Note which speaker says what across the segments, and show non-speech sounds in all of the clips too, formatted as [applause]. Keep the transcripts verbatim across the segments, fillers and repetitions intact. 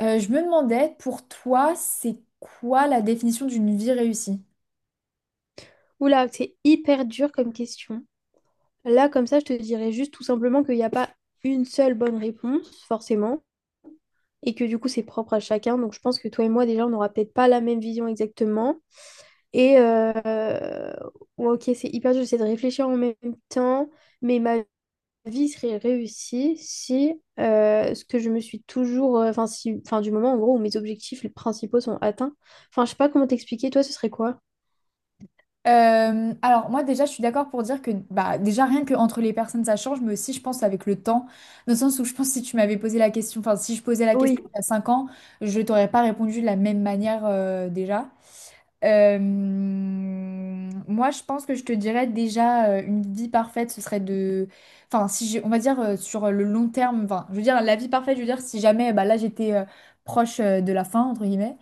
Speaker 1: Euh, je me demandais, pour toi, c'est quoi la définition d'une vie réussie?
Speaker 2: Oula, c'est hyper dur comme question. Là, comme ça, je te dirais juste tout simplement qu'il n'y a pas une seule bonne réponse, forcément, et que du coup, c'est propre à chacun. Donc, je pense que toi et moi, déjà, on n'aura peut-être pas la même vision exactement. Et euh, ouais, ok, c'est hyper dur, j'essaie de réfléchir en même temps, mais ma vie serait réussie si euh, ce que je me suis toujours, euh, enfin, si, enfin, du moment en gros où mes objectifs principaux sont atteints. Enfin, je sais pas comment t'expliquer, toi, ce serait quoi?
Speaker 1: Euh, alors moi déjà je suis d'accord pour dire que bah déjà rien que entre les personnes ça change, mais aussi je pense avec le temps, dans le sens où je pense que si tu m'avais posé la question, enfin si je posais la
Speaker 2: Oui,
Speaker 1: question il y a cinq ans, je t'aurais pas répondu de la même manière, euh, déjà. Euh, moi, je pense que je te dirais déjà, euh, une vie parfaite, ce serait de, enfin, si j'ai- on va dire, euh, sur le long terme, enfin, je veux dire la vie parfaite, je veux dire si jamais, bah là, j'étais, euh, proche, euh, de la fin entre guillemets.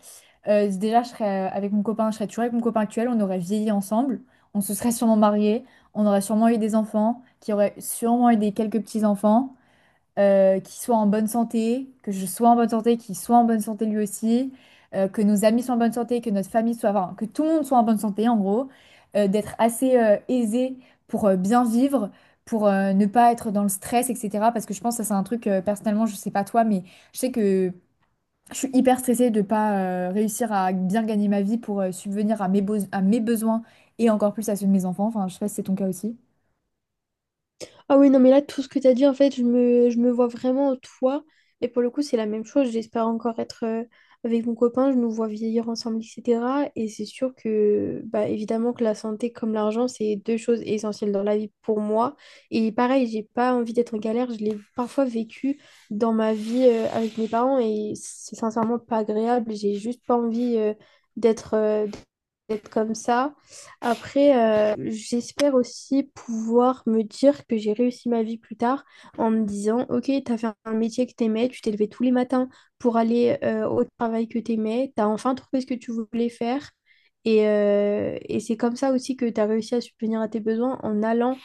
Speaker 1: euh, Déjà, je serais, euh, avec mon copain, je serais toujours avec mon copain actuel, on aurait vieilli ensemble, on se serait sûrement mariés, on aurait sûrement eu des enfants, qui auraient sûrement eu des quelques petits enfants, euh, qu'il soit en bonne santé, que je sois en bonne santé, qu'il soit en bonne santé lui aussi, euh, que nos amis soient en bonne santé, que notre famille soit, enfin, que tout le monde soit en bonne santé, en gros, euh, d'être assez, euh, aisé pour, euh, bien vivre, pour euh, ne pas être dans le stress, et cetera. Parce que je pense que ça, c'est un truc, euh, personnellement, je sais pas toi, mais je sais que je suis hyper stressée de pas euh, réussir à bien gagner ma vie pour euh, subvenir à mes, beaux- à mes besoins et encore plus à ceux de mes enfants. Enfin, je sais pas si c'est ton cas aussi.
Speaker 2: Ah oui, non, mais là, tout ce que tu as dit, en fait, je me, je me vois vraiment toi. Et pour le coup, c'est la même chose. J'espère encore être euh, avec mon copain, je nous vois vieillir ensemble, et cetera. Et c'est sûr que, bah, évidemment, que la santé comme l'argent, c'est deux choses essentielles dans la vie pour moi. Et pareil, j'ai pas envie d'être en galère. Je l'ai parfois vécu dans ma vie euh, avec mes parents et c'est sincèrement pas agréable. J'ai juste pas envie euh, d'être, euh, être comme ça. Après, euh, j'espère aussi pouvoir me dire que j'ai réussi ma vie plus tard en me disant, ok, t'as fait un métier que t'aimais, tu t'es levé tous les matins pour aller euh, au travail que t'aimais, t'as enfin trouvé ce que tu voulais faire. Et, euh, et c'est comme ça aussi que t'as réussi à subvenir à tes besoins en allant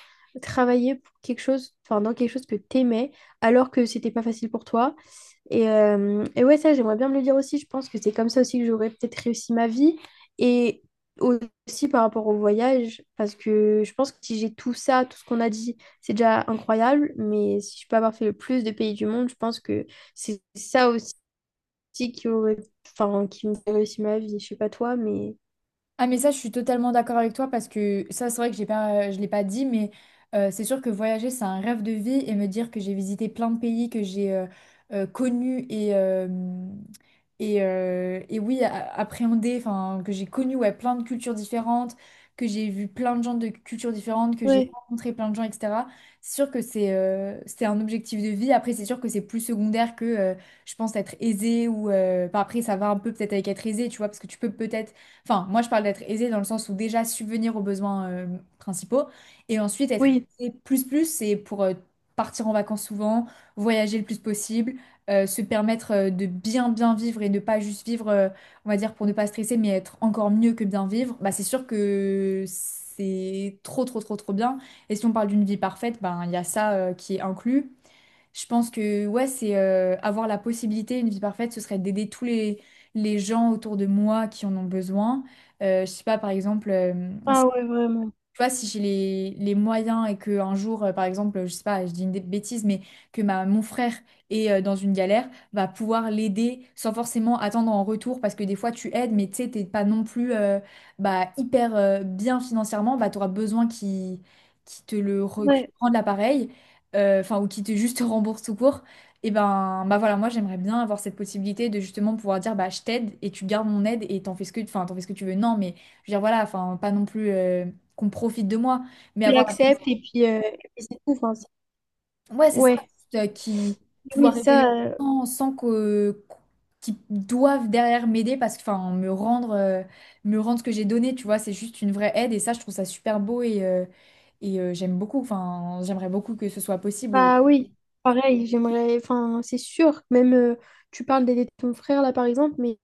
Speaker 2: travailler pour quelque chose, enfin dans quelque chose que t'aimais, alors que c'était pas facile pour toi. Et, euh, et ouais, ça, j'aimerais bien me le dire aussi. Je pense que c'est comme ça aussi que j'aurais peut-être réussi ma vie. Et aussi par rapport au voyage, parce que je pense que si j'ai tout ça, tout ce qu'on a dit, c'est déjà incroyable. Mais si je peux avoir fait le plus de pays du monde, je pense que c'est ça aussi qui aurait, enfin, qui me fait réussir ma vie. Je sais pas toi, mais
Speaker 1: Ah mais ça, je suis totalement d'accord avec toi parce que ça, c'est vrai que j'ai pas, je l'ai pas dit, mais euh, c'est sûr que voyager, c'est un rêve de vie et me dire que j'ai visité plein de pays que j'ai euh, euh, connus et, euh, et, euh, et oui, a- appréhendé, enfin, que j'ai connu, ouais, plein de cultures différentes, que j'ai vu plein de gens de cultures différentes, que j'ai
Speaker 2: Ouais.
Speaker 1: rencontré plein de gens, et cetera. C'est sûr que c'est euh, c'est un objectif de vie. Après, c'est sûr que c'est plus secondaire que euh, je pense être aisé ou euh, enfin, après, ça va un peu peut-être avec être aisé, tu vois, parce que tu peux peut-être. Enfin, moi, je parle d'être aisé dans le sens où déjà subvenir aux besoins, euh, principaux. Et ensuite, être
Speaker 2: Oui.
Speaker 1: aisé plus plus, c'est pour euh, partir en vacances souvent, voyager le plus possible, euh, se permettre, euh, de bien bien vivre et de pas juste vivre, euh, on va dire, pour ne pas stresser, mais être encore mieux que bien vivre. Bah, c'est sûr que c'est trop trop trop trop bien. Et si on parle d'une vie parfaite, ben, il y a ça, euh, qui est inclus. Je pense que, ouais, c'est euh, avoir la possibilité, une vie parfaite, ce serait d'aider tous les, les gens autour de moi qui en ont besoin. Euh, je sais pas, par exemple, euh,
Speaker 2: Ah ouais, vraiment.
Speaker 1: tu vois, si j'ai les, les moyens et que un jour, euh, par exemple, je sais pas, je dis une dé- bêtise, mais que ma, mon frère est, euh, dans une galère, va pouvoir l'aider sans forcément attendre en retour, parce que des fois tu aides, mais tu sais, t'es pas non plus, euh, bah, hyper euh, bien financièrement, bah, tu auras besoin qu'il qu'il te le re- qu'il te
Speaker 2: Ouais.
Speaker 1: rende l'appareil, euh, enfin, ou qu'il te juste [laughs] rembourse tout court. Et ben, bah voilà, moi j'aimerais bien avoir cette possibilité de justement pouvoir dire, bah je t'aide et tu gardes mon aide et t'en fais ce que, enfin, t'en fais ce que tu veux. Non, mais je veux dire, voilà, enfin, pas non plus, euh, qu'on profite de moi. Mais
Speaker 2: Tu
Speaker 1: avoir,
Speaker 2: l'acceptes et puis, euh, et puis c'est tout. Enfin, c'est-
Speaker 1: ouais, c'est ça,
Speaker 2: ouais,
Speaker 1: juste, euh, qui,
Speaker 2: oui,
Speaker 1: pouvoir aider les
Speaker 2: ça.
Speaker 1: gens sans que, qu'ils doivent derrière m'aider parce que, enfin, me rendre, euh, me rendre ce que j'ai donné, tu vois, c'est juste une vraie aide et ça, je trouve ça super beau, et, euh, et euh, j'aime beaucoup, enfin, j'aimerais beaucoup que ce soit possible.
Speaker 2: Bah oui, pareil, j'aimerais, enfin, c'est sûr, même euh, tu parles d'aider ton frère là par exemple, mais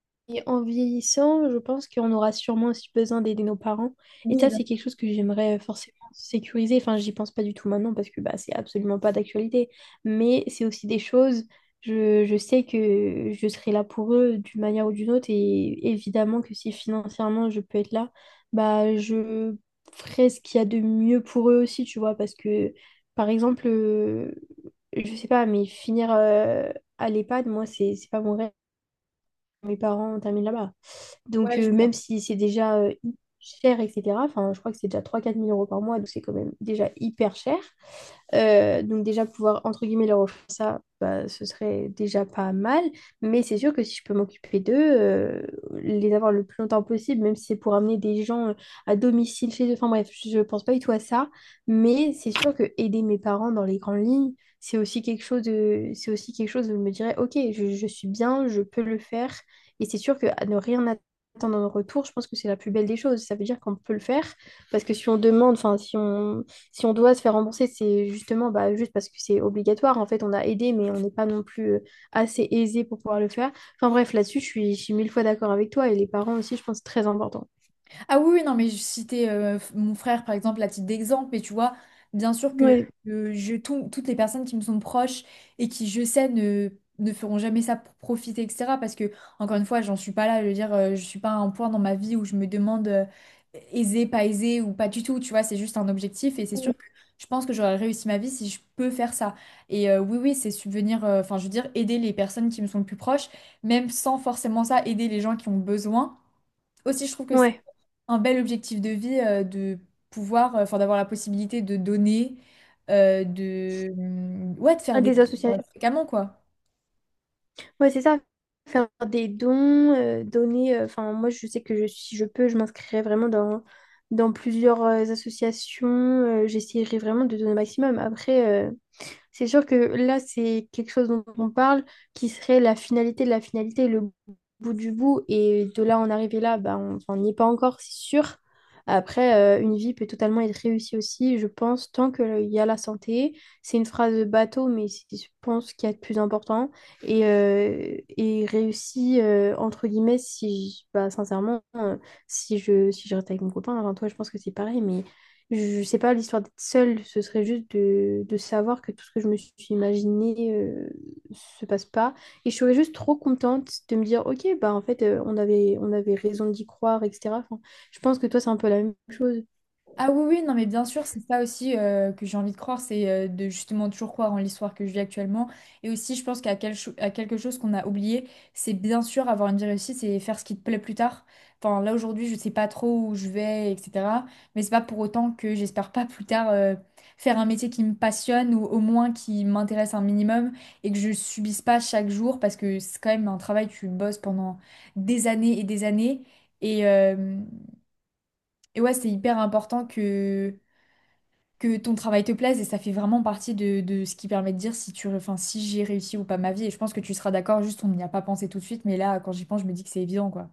Speaker 2: en vieillissant, je pense qu'on aura sûrement aussi besoin d'aider nos parents. Et
Speaker 1: Oui,
Speaker 2: ça,
Speaker 1: bien
Speaker 2: c'est quelque
Speaker 1: sûr,
Speaker 2: chose que j'aimerais euh, forcément sécuriser. Enfin, j'y pense pas du tout maintenant parce que bah, c'est absolument pas d'actualité. Mais c'est aussi des choses, je, je sais que je serai là pour eux d'une manière ou d'une autre. Et évidemment que si financièrement je peux être là, bah je ferai ce qu'il y a de mieux pour eux aussi, tu vois, parce que. Par exemple, euh, je sais pas, mais finir euh, à l'EHPAD, moi, c'est c'est pas mon rêve. Mes parents terminent là-bas. Donc,
Speaker 1: ouais, je
Speaker 2: euh,
Speaker 1: vois.
Speaker 2: même si c'est déjà euh, cher, et cetera, enfin, je crois que c'est déjà trois quatre mille euros par mois, donc c'est quand même déjà hyper cher. Euh, donc déjà pouvoir entre guillemets leur offrir ça, bah, ce serait déjà pas mal. Mais c'est sûr que si je peux m'occuper d'eux, euh, les avoir le plus longtemps possible, même si c'est pour amener des gens euh, à domicile chez eux. Enfin bref, je je pense pas du tout à ça. Mais c'est sûr que aider mes parents dans les grandes lignes, c'est aussi quelque chose de, c'est aussi quelque chose où je me dirais, ok, je, je suis bien, je peux le faire. Et c'est sûr que à ne rien attendre un retour, je pense que c'est la plus belle des choses. Ça veut dire qu'on peut le faire parce que si on demande, enfin, si on, si on doit se faire rembourser, c'est justement bah, juste parce que c'est obligatoire. En fait, on a aidé, mais on n'est pas non plus euh, assez aisé pour pouvoir le faire. Enfin, bref, là-dessus, je suis, je suis mille fois d'accord avec toi et les parents aussi, je pense, c'est très important.
Speaker 1: Ah oui, oui, non, mais je citais, euh, f- mon frère, par exemple, à titre d'exemple, mais tu vois, bien sûr que
Speaker 2: Ouais.
Speaker 1: euh, je, tout- toutes les personnes qui me sont proches et qui, je sais, ne, ne feront jamais ça pour profiter, et cetera. Parce que, encore une fois, j'en suis pas là, je veux dire, euh, je suis pas à un point dans ma vie où je me demande, euh, aisé, pas aisé ou pas du tout, tu vois, c'est juste un objectif et c'est sûr que je pense que j'aurais réussi ma vie si je peux faire ça. Et euh, oui, oui, c'est subvenir, euh, enfin, je veux dire, aider les personnes qui me sont le plus proches, même sans forcément ça, aider les gens qui ont besoin. Aussi, je trouve que c'est
Speaker 2: Ouais,
Speaker 1: un bel objectif de vie, euh, de pouvoir, euh, enfin d'avoir la possibilité de donner, euh, de, mm, ouais, de
Speaker 2: à
Speaker 1: faire des
Speaker 2: des
Speaker 1: cours,
Speaker 2: associations.
Speaker 1: euh, fréquemment, quoi.
Speaker 2: Ouais, c'est ça. Faire des dons, euh, donner. euh, Enfin, moi, je sais que je- si je peux, je m'inscrirai vraiment dans, dans plusieurs euh, associations. euh, j'essaierai vraiment de donner au maximum. Après. euh, C'est sûr que là, c'est quelque chose dont on parle qui serait la finalité de la finalité, le bout du bout. Et de là en arriver là, bah, on enfin, on n'y est pas encore, c'est sûr. Après, euh, une vie peut totalement être réussie aussi, je pense, tant qu'il y a la santé. C'est une phrase de bateau, mais c'est, je pense qu'il y a de plus important. Et, euh, et réussie, euh, entre guillemets, si, je- bah, sincèrement, euh, si je, si je reste avec mon copain, enfin, toi, je pense que c'est pareil, mais je sais pas, l'histoire d'être seule, ce serait juste de, de savoir que tout ce que je me suis imaginé euh, se passe pas. Et je serais juste trop contente de me dire, ok, bah en fait, euh, on avait, on avait raison d'y croire, et cetera. Enfin, je pense que toi, c'est un peu la même chose.
Speaker 1: Ah oui, oui, non, mais bien sûr, c'est ça aussi, euh, que j'ai envie de croire, c'est euh, de justement toujours croire en l'histoire que je vis actuellement. Et aussi, je pense qu'à quel cho- à quelque chose qu'on a oublié, c'est bien sûr avoir une vie réussite, c'est faire ce qui te plaît plus tard. Enfin, là aujourd'hui, je sais pas trop où je vais, et cetera. Mais c'est pas pour autant que j'espère pas plus tard, euh, faire un métier qui me passionne ou au moins qui m'intéresse un minimum et que je subisse pas chaque jour, parce que c'est quand même un travail, tu bosses pendant des années et des années. Et, euh, et ouais, c'est hyper important que que ton travail te plaise et ça fait vraiment partie de, de ce qui permet de dire si tu, enfin, si j'ai réussi ou pas ma vie. Et je pense que tu seras d'accord, juste on n'y a pas pensé tout de suite, mais là, quand j'y pense, je me dis que c'est évident, quoi.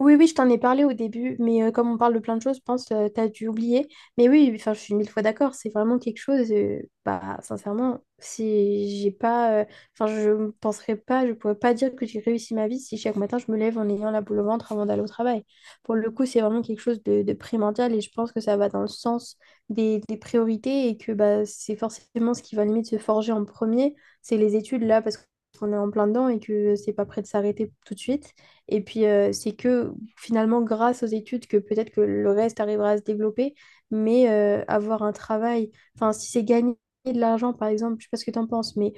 Speaker 2: Oui, oui, je t'en ai parlé au début, mais euh, comme on parle de plein de choses, je pense que tu as dû oublier. Mais oui, enfin, je suis mille fois d'accord, c'est vraiment quelque chose, euh, bah, sincèrement, si j'ai pas, euh, enfin, je ne penserais pas, je pourrais pas dire que j'ai réussi ma vie si chaque matin je me lève en ayant la boule au ventre avant d'aller au travail. Pour le coup, c'est vraiment quelque chose de, de primordial et je pense que ça va dans le sens des, des priorités et que bah, c'est forcément ce qui va limite se forger en premier, c'est les études là, parce qu'on est en plein dedans et que c'est pas prêt de s'arrêter tout de suite. Et puis, euh, c'est que finalement, grâce aux études, que peut-être que le reste arrivera à se développer, mais euh, avoir un travail, enfin, si c'est gagner de l'argent, par exemple, je sais pas ce que tu en penses, mais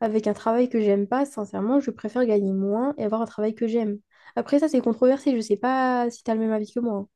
Speaker 2: avec un travail que j'aime pas, sincèrement, je préfère gagner moins et avoir un travail que j'aime. Après, ça, c'est controversé, je sais pas si tu as le même avis que moi.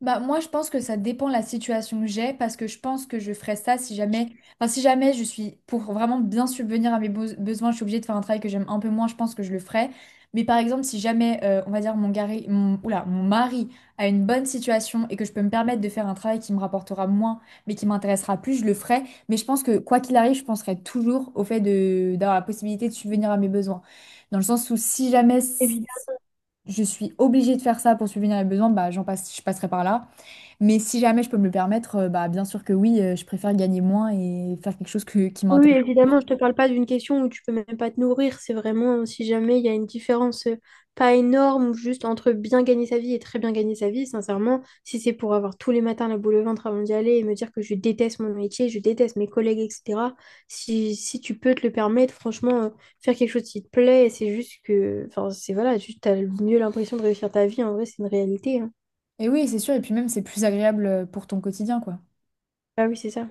Speaker 1: Bah, moi, je pense que ça dépend de la situation que j'ai, parce que je pense que je ferais ça si jamais, enfin, si jamais je suis, pour vraiment bien subvenir à mes beaux- besoins, je suis obligée de faire un travail que j'aime un peu moins, je pense que je le ferais. Mais par exemple, si jamais, euh, on va dire, mon, gari- mon, oula, mon mari a une bonne situation et que je peux me permettre de faire un travail qui me rapportera moins, mais qui m'intéressera plus, je le ferai. Mais je pense que, quoi qu'il arrive, je penserai toujours au fait de, d'avoir la possibilité de subvenir à mes besoins. Dans le sens où si jamais, c- je suis obligée de faire ça pour subvenir à mes besoins, bah, j'en passe, je passerai par là. Mais si jamais je peux me le permettre, euh, bah bien sûr que oui, euh, je préfère gagner moins et faire quelque chose que- qui
Speaker 2: Oui, oui,
Speaker 1: m'intéresse.
Speaker 2: évidemment, je te parle pas d'une question où tu peux même pas te nourrir. C'est vraiment euh, si jamais il y a une différence euh, pas énorme ou juste entre bien gagner sa vie et très bien gagner sa vie, sincèrement, si c'est pour avoir tous les matins la boule au ventre avant d'y aller et me dire que je déteste mon métier, je déteste mes collègues, et cetera. Si, si tu peux te le permettre, franchement, euh, faire quelque chose qui te plaît, c'est juste que, enfin, c'est voilà, juste t'as mieux l'impression de réussir ta vie. En vrai, c'est une réalité, hein.
Speaker 1: Et oui, c'est sûr, et puis même c'est plus agréable, euh, pour ton quotidien, quoi.
Speaker 2: Ah oui, c'est ça.